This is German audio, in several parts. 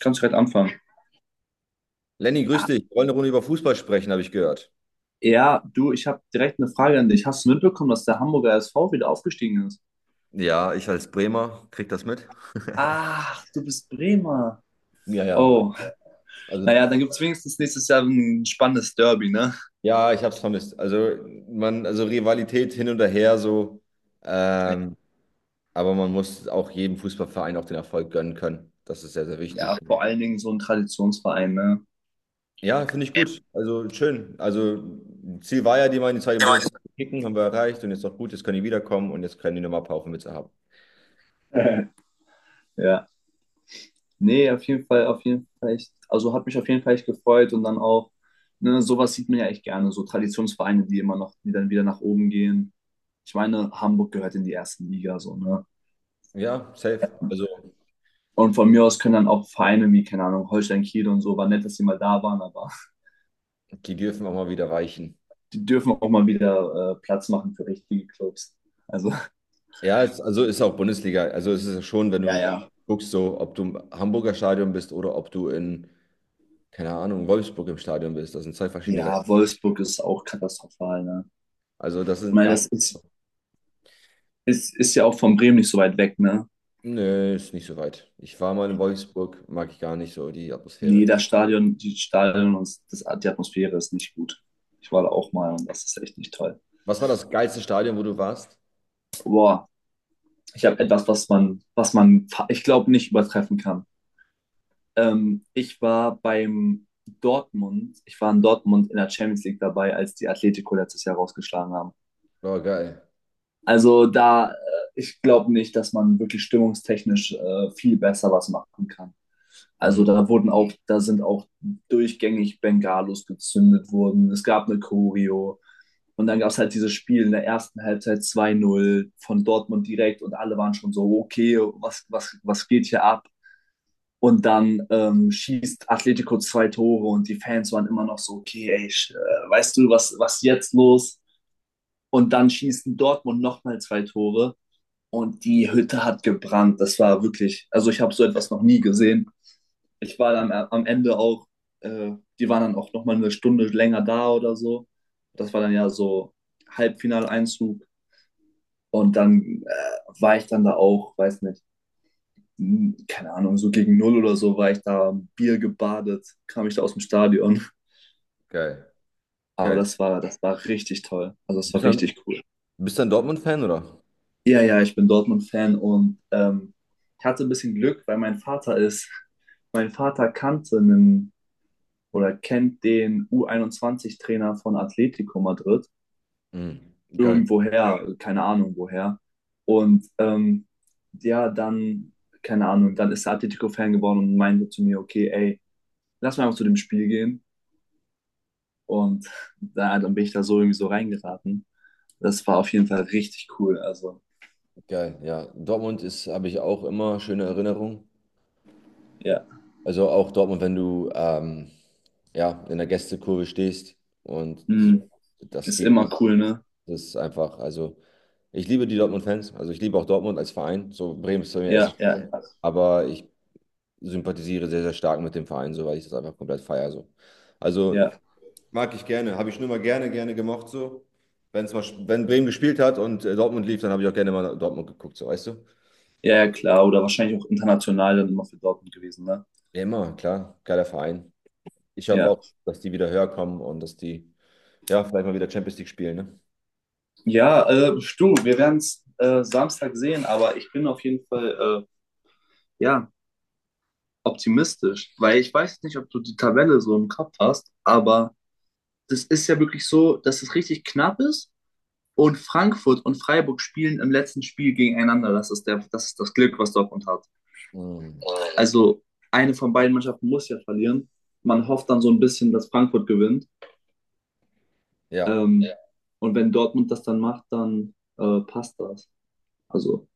Kannst du direkt anfangen? Lenny, grüß Ah, dich. Wir wollen eine Runde über Fußball sprechen, habe ich gehört. ja, du, ich habe direkt eine Frage an dich. Hast du mitbekommen, dass der Hamburger SV wieder aufgestiegen ist? Ja, ich als Bremer krieg das mit. Ach, du bist Bremer. Ja, ja. Oh, Also, naja, dann gibt es wenigstens nächstes Jahr ein spannendes Derby, ne? ja, ich habe es vermisst. Also, man, also Rivalität hin und her so. Ähm, aber man muss auch jedem Fußballverein auch den Erfolg gönnen können. Das ist sehr, sehr wichtig. Ja, vor allen Dingen so ein Traditionsverein, ne? Ja, finde ich Ja, gut. Also, schön. Also, Ziel war ja, die mal in die zweite Bundesliga zu kicken, haben wir erreicht. Und jetzt noch gut, jetzt können die wiederkommen und jetzt können die nochmal ein paar auf haben. ja. Nee, auf jeden Fall echt. Also hat mich auf jeden Fall echt gefreut und dann auch, ne, sowas sieht man ja echt gerne, so Traditionsvereine, die immer noch, die dann wieder nach oben gehen. Ich meine, Hamburg gehört in die erste Liga, so, ne? Ja, safe. Also, Und von mir aus können dann auch Vereine wie, keine Ahnung, Holstein Kiel und so, war nett, dass sie mal da waren, aber die dürfen auch mal wieder weichen. die dürfen auch mal wieder Platz machen für richtige Clubs. Also, Ja, es, also ist auch Bundesliga. Also es ist ja schon, wenn ja, du ja. guckst, so, ob du im Hamburger Stadion bist oder ob du in, keine Ahnung, Wolfsburg im Stadion bist. Das sind zwei verschiedene Welten. Ja, Wolfsburg ist auch katastrophal, ne? Also das Ich sind meine, gar, das ist ja auch von Bremen nicht so weit weg, ne? nee, ist nicht so weit. Ich war mal in Wolfsburg, mag ich gar nicht so die Atmosphäre. Jeder Stadion, die Stadion und das, die Atmosphäre ist nicht gut. Ich war da auch mal und das ist echt nicht toll. Was war das geilste Stadion, wo du warst? Boah, ich habe etwas, was man, ich glaube, nicht übertreffen kann. Ich war beim Dortmund, ich war in Dortmund in der Champions League dabei, als die Atletico letztes Jahr rausgeschlagen haben. War geil. Also da, ich glaube nicht, dass man wirklich stimmungstechnisch viel besser was machen kann. Also Mhm. da wurden auch, da sind auch durchgängig Bengalos gezündet worden. Es gab eine Choreo. Und dann gab es halt dieses Spiel in der ersten Halbzeit 2-0 von Dortmund direkt und alle waren schon so, okay, was, was, was geht hier ab? Und dann schießt Atletico zwei Tore und die Fans waren immer noch so, okay, ey, weißt du, was, was jetzt los? Und dann schießen Dortmund nochmal zwei Tore und die Hütte hat gebrannt. Das war wirklich, also ich habe so etwas noch nie gesehen. Ich war dann am Ende auch, äh, die waren dann auch nochmal eine Stunde länger da oder so. Das war dann ja so Halbfinaleinzug und dann war ich dann da auch, weiß nicht, keine Ahnung, so gegen null oder so war ich da Bier gebadet, kam ich da aus dem Stadion. Geil, Aber geil. Das war richtig toll. Also das Bist war dann, richtig cool. Bist dann Dortmund-Fan, oder? Ja, ja, ich bin Dortmund-Fan und ich hatte ein bisschen Glück, weil mein Vater kannte einen oder kennt den U21-Trainer von Atletico Madrid. Mhm. Geil, Irgendwoher, keine Ahnung woher. Und ja, dann, keine Ahnung, dann ist er Atletico-Fan geworden und meinte zu mir, okay, ey, lass mal einfach zu dem Spiel gehen. Und da, dann bin ich da so irgendwie so reingeraten. Das war auf jeden Fall richtig cool. Also, geil, ja. Dortmund ist, habe ich auch immer schöne Erinnerungen. ja. Also auch Dortmund, wenn du ja, in der Gästekurve stehst und so, Hm, das ist immer Gegenüber, cool, ne? das ist einfach, also ich liebe die Dortmund-Fans, also ich liebe auch Dortmund als Verein, so Bremen ist bei mir erster Ja, ja, Stelle, ja. aber ich sympathisiere sehr, sehr stark mit dem Verein, so weil ich das einfach komplett feiere. So. Also Ja, mag ich gerne, habe ich schon immer gerne, gerne gemocht so. Wenn's mal, wenn Bremen gespielt hat und Dortmund lief, dann habe ich auch gerne mal Dortmund geguckt, so weißt du? ja, ja, klar. Oder wahrscheinlich auch international dann immer für Dortmund gewesen, ne? Ja, immer, klar, geiler Verein. Ich hoffe Ja. auch, dass die wieder höher kommen und dass die, ja, vielleicht mal wieder Champions League spielen, ne? Ja, du, wir werden es Samstag sehen, aber ich bin auf jeden Fall, ja, optimistisch. Weil ich weiß nicht, ob du die Tabelle so im Kopf hast, aber das ist ja wirklich so, dass es richtig knapp ist. Und Frankfurt und Freiburg spielen im letzten Spiel gegeneinander. Das ist, der, das, ist das Glück, was Dortmund hat. Mhm. Also eine von beiden Mannschaften muss ja verlieren. Man hofft dann so ein bisschen, dass Frankfurt gewinnt. Ja, Und, ja. Und wenn Dortmund das dann macht, dann passt das. Also,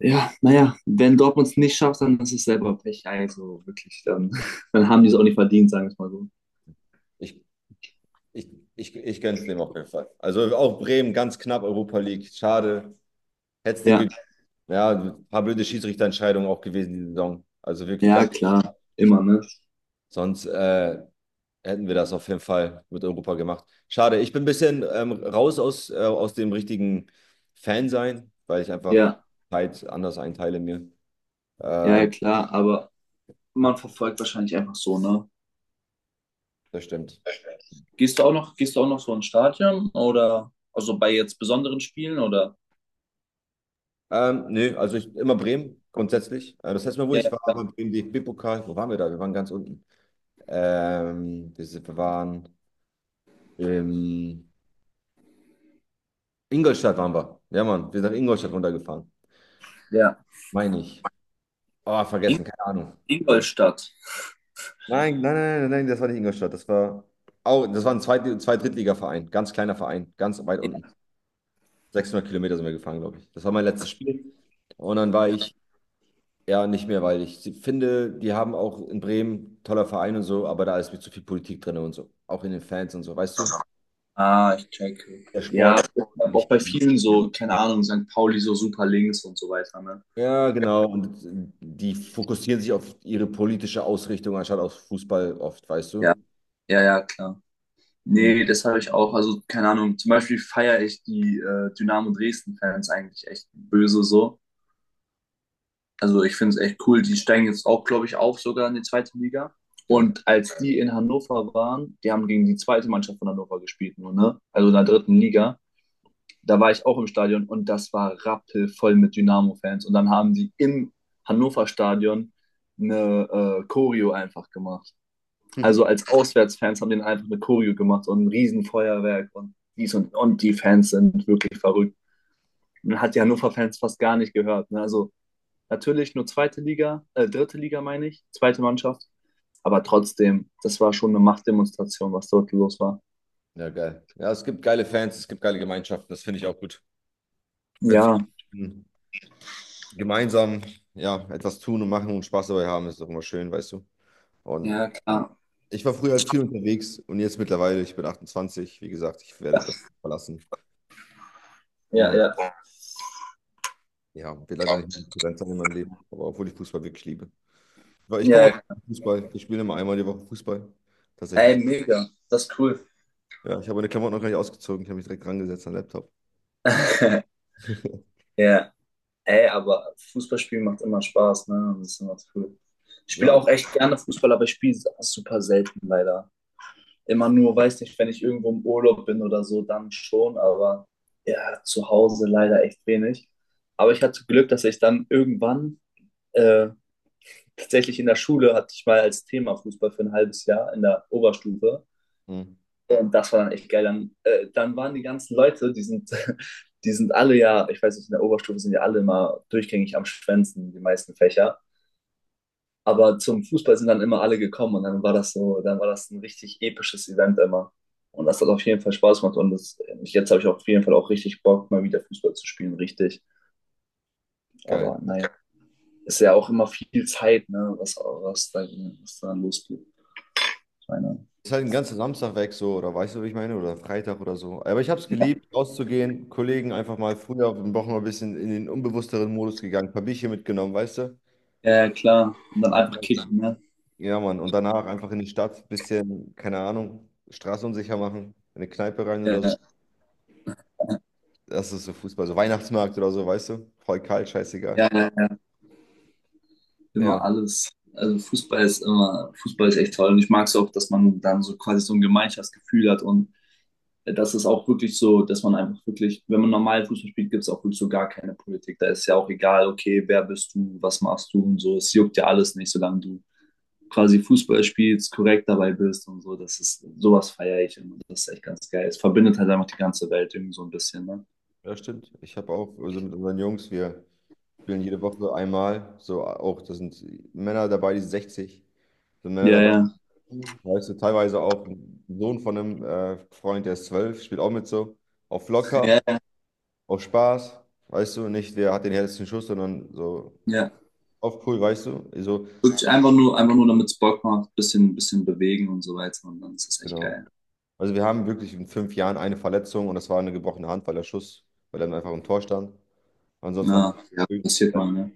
ja, naja, wenn Dortmund es nicht schafft, dann ist es selber Pech. Also wirklich, dann, dann haben die es auch nicht verdient, sagen wir es mal so. ich, ich, ich gönn's dem auf jeden Fall. Also auch Bremen ganz knapp Europa League. Schade. Hätt's den Ja, gegeben. Ja, ein paar blöde Schiedsrichterentscheidungen auch gewesen die Saison. Also wirklich ja, ganz klar. Immer, Geschichten. ne? Sonst hätten wir das auf jeden Fall mit Europa gemacht. Schade. Ich bin ein bisschen raus aus dem richtigen Fan sein, weil ich einfach Ja, Zeit anders einteile mir. ja, ja, Ähm, klar. Aber man verfolgt wahrscheinlich einfach so, ne? Das stimmt. Gehst du auch noch, gehst du auch noch so ins Stadion oder also bei jetzt besonderen Spielen oder? Nö, also ich immer Bremen grundsätzlich. Das heißt Mal, wo Ja, ich ja, war, ja. war beim DFB-Pokal. Wo waren wir da? Wir waren ganz unten. Wir waren in Ingolstadt waren wir. Ja, Mann, wir sind nach Ingolstadt runtergefahren. Ja. Meine ich. Oh, vergessen, In, keine Ahnung. Ingolstadt. Nein, nein, nein, nein, nein, das war nicht Ingolstadt. Das war auch, das war ein Zweit-Drittliga-Verein, ganz kleiner Verein, ganz weit unten. Ja. 600 Kilometer sind wir gefahren, glaube ich. Das war mein letztes Spiel. Und dann war Ja. ich, ja, nicht mehr, weil ich finde, die haben auch in Bremen toller Verein und so, aber da ist mir zu viel Politik drin und so. Auch in den Fans und so, weißt du? Ah, ich checke. Der Ja, Sport. aber auch Nicht, bei vielen so, keine Ahnung, St. Pauli so super links und so weiter, ne? ja, genau. Und die fokussieren sich auf ihre politische Ausrichtung anstatt auf Fußball oft, weißt Ja, du? ja, ja, klar. Mhm, Nee, das habe ich auch. Also, keine Ahnung, zum Beispiel feiere ich die Dynamo Dresden-Fans eigentlich echt böse so. Also ich finde es echt cool. Die steigen jetzt auch, glaube ich, auf sogar in die zweite Liga. geil. Und als die in Hannover waren, die haben gegen die zweite Mannschaft von Hannover gespielt, nur, ne? Also in der dritten Liga. Da war ich auch im Stadion und das war rappelvoll mit Dynamo-Fans. Und dann haben die im Hannover-Stadion eine Choreo einfach gemacht. Also als Auswärtsfans haben den einfach eine Choreo gemacht und ein Riesenfeuerwerk und dies und die Fans sind wirklich verrückt. Man hat die Hannover-Fans fast gar nicht gehört. Ne? Also natürlich nur zweite Liga, dritte Liga meine ich, zweite Mannschaft. Aber trotzdem, das war schon eine Machtdemonstration, was dort los war. Ja, geil. Ja, es gibt geile Fans, es gibt geile Gemeinschaften, das finde ich auch gut. Wenn sie, Ja, mhm. gemeinsam, ja, etwas tun und machen und Spaß dabei haben, ist doch immer schön, weißt du? Und ja, klar. ich war früher halt viel unterwegs und jetzt mittlerweile, ich bin 28, wie gesagt, ich werde das verlassen. Ja, Und ja. ja, will leider nicht mehr präsent sein in meinem Leben, aber obwohl ich Fußball wirklich liebe. Weil ich komme Ja, auf ja. Fußball, ich spiele immer einmal die Woche Fußball. Tatsächlich Ey, so. mega. Das ist cool. Ja, ich habe meine Klamotten noch gar nicht ausgezogen, ich habe mich direkt rangesetzt an den Laptop. Ja, ey, aber Fußballspielen macht immer Spaß, ne? Das ist immer cool. Ich spiele Ja. auch echt gerne Fußball, aber ich spiele super selten leider. Immer nur, weiß nicht, wenn ich irgendwo im Urlaub bin oder so, dann schon, aber ja, zu Hause leider echt wenig. Aber ich hatte Glück, dass ich dann irgendwann Äh, tatsächlich in der Schule hatte ich mal als Thema Fußball für ein halbes Jahr in der Oberstufe. Hm, Und das war dann echt geil. Dann, dann waren die ganzen Leute, die sind, die sind alle ja, ich weiß nicht, in der Oberstufe sind ja alle immer durchgängig am Schwänzen, die meisten Fächer. Aber zum Fußball sind dann immer alle gekommen und dann war das so, dann war das ein richtig episches Event immer. Und das hat auf jeden Fall Spaß gemacht und das, jetzt habe ich auf jeden Fall auch richtig Bock, mal wieder Fußball zu spielen, richtig. geil. Aber naja, ist ja auch immer viel Zeit, ne, was da losgeht. Keiner. Ist halt den ganzen Samstag weg so, oder weißt du, wie ich meine? Oder Freitag oder so. Aber ich habe es Ja, geliebt, rauszugehen, Kollegen einfach mal früher, wir Wochen mal ein bisschen in den unbewussteren Modus gegangen, ein paar Bierchen mitgenommen, weißt du? ja, klar. Und Und dann einfach, einfach kicken, ne? ja, Mann. Und danach einfach in die Stadt, bisschen, keine Ahnung, Straße unsicher machen, in eine Kneipe rein Ja, oder so. Das ist so Fußball, so Weihnachtsmarkt oder so, weißt du? Voll kalt, scheißegal. ja, ja, ja, Ja, immer Mann. alles. Also Fußball ist immer, Fußball ist echt toll. Und ich mag es auch, dass man dann so quasi so ein Gemeinschaftsgefühl hat und das ist auch wirklich so, dass man einfach wirklich, wenn man normal Fußball spielt, gibt es auch wirklich so gar keine Politik. Da ist ja auch egal, okay, wer bist du, was machst du und so. Es juckt ja alles nicht, solange du quasi Fußball spielst, korrekt dabei bist und so. Das ist, sowas feiere ich immer. Das ist echt ganz geil. Es verbindet halt einfach die ganze Welt irgendwie so ein bisschen, ne? Ja, stimmt. Ich habe auch, also mit unseren Jungs, wir spielen jede Woche einmal, so auch, da sind Männer dabei, die sind 60, sind Männer Ja, dabei, ja, weißt du, teilweise auch ein Sohn von einem Freund, der ist 12, spielt auch mit so, auf ja, locker, ja. auf Spaß, weißt du, nicht, wer hat den härtesten Schuss, sondern so Ja. auf cool, weißt du, so, Wirklich einfach nur, damit es Bock macht, bisschen, bisschen bewegen und so weiter. Und dann ist das echt genau. geil. Also wir haben wirklich in 5 Jahren eine Verletzung und das war eine gebrochene Hand, weil der Schuss, weil er einfach im Tor stand. Ansonsten haben Ja, ja, wir, passiert mal, ne?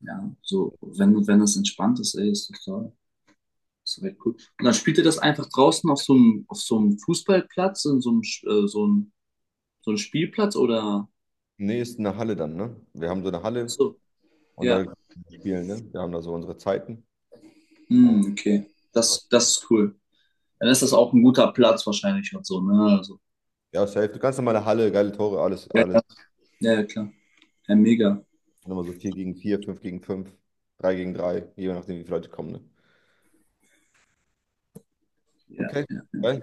Ja, so, wenn, wenn das entspannt ist, ey, ist doch toll. Ist doch echt cool. Und dann spielt ihr das einfach draußen auf so einem, Fußballplatz, in so einem, so einem Spielplatz oder? nee, ist eine Halle dann, ne? Wir haben so eine Ach Halle so, und da ja. spielen, ne? Wir haben da so unsere Zeiten. Oh. Hm, okay. Das, das ist cool. Dann ist das auch ein guter Platz wahrscheinlich und so, ne? Also, Ja, safe. Eine ganz normale Halle, geile Tore, alles, ja, alles. ja, ja, ja, klar. Ja, mega. Dann immer so 4 gegen 4, 5 gegen 5, 3 gegen 3, je nachdem, wie viele Leute kommen, ne? Ja, Okay. ja. Ja.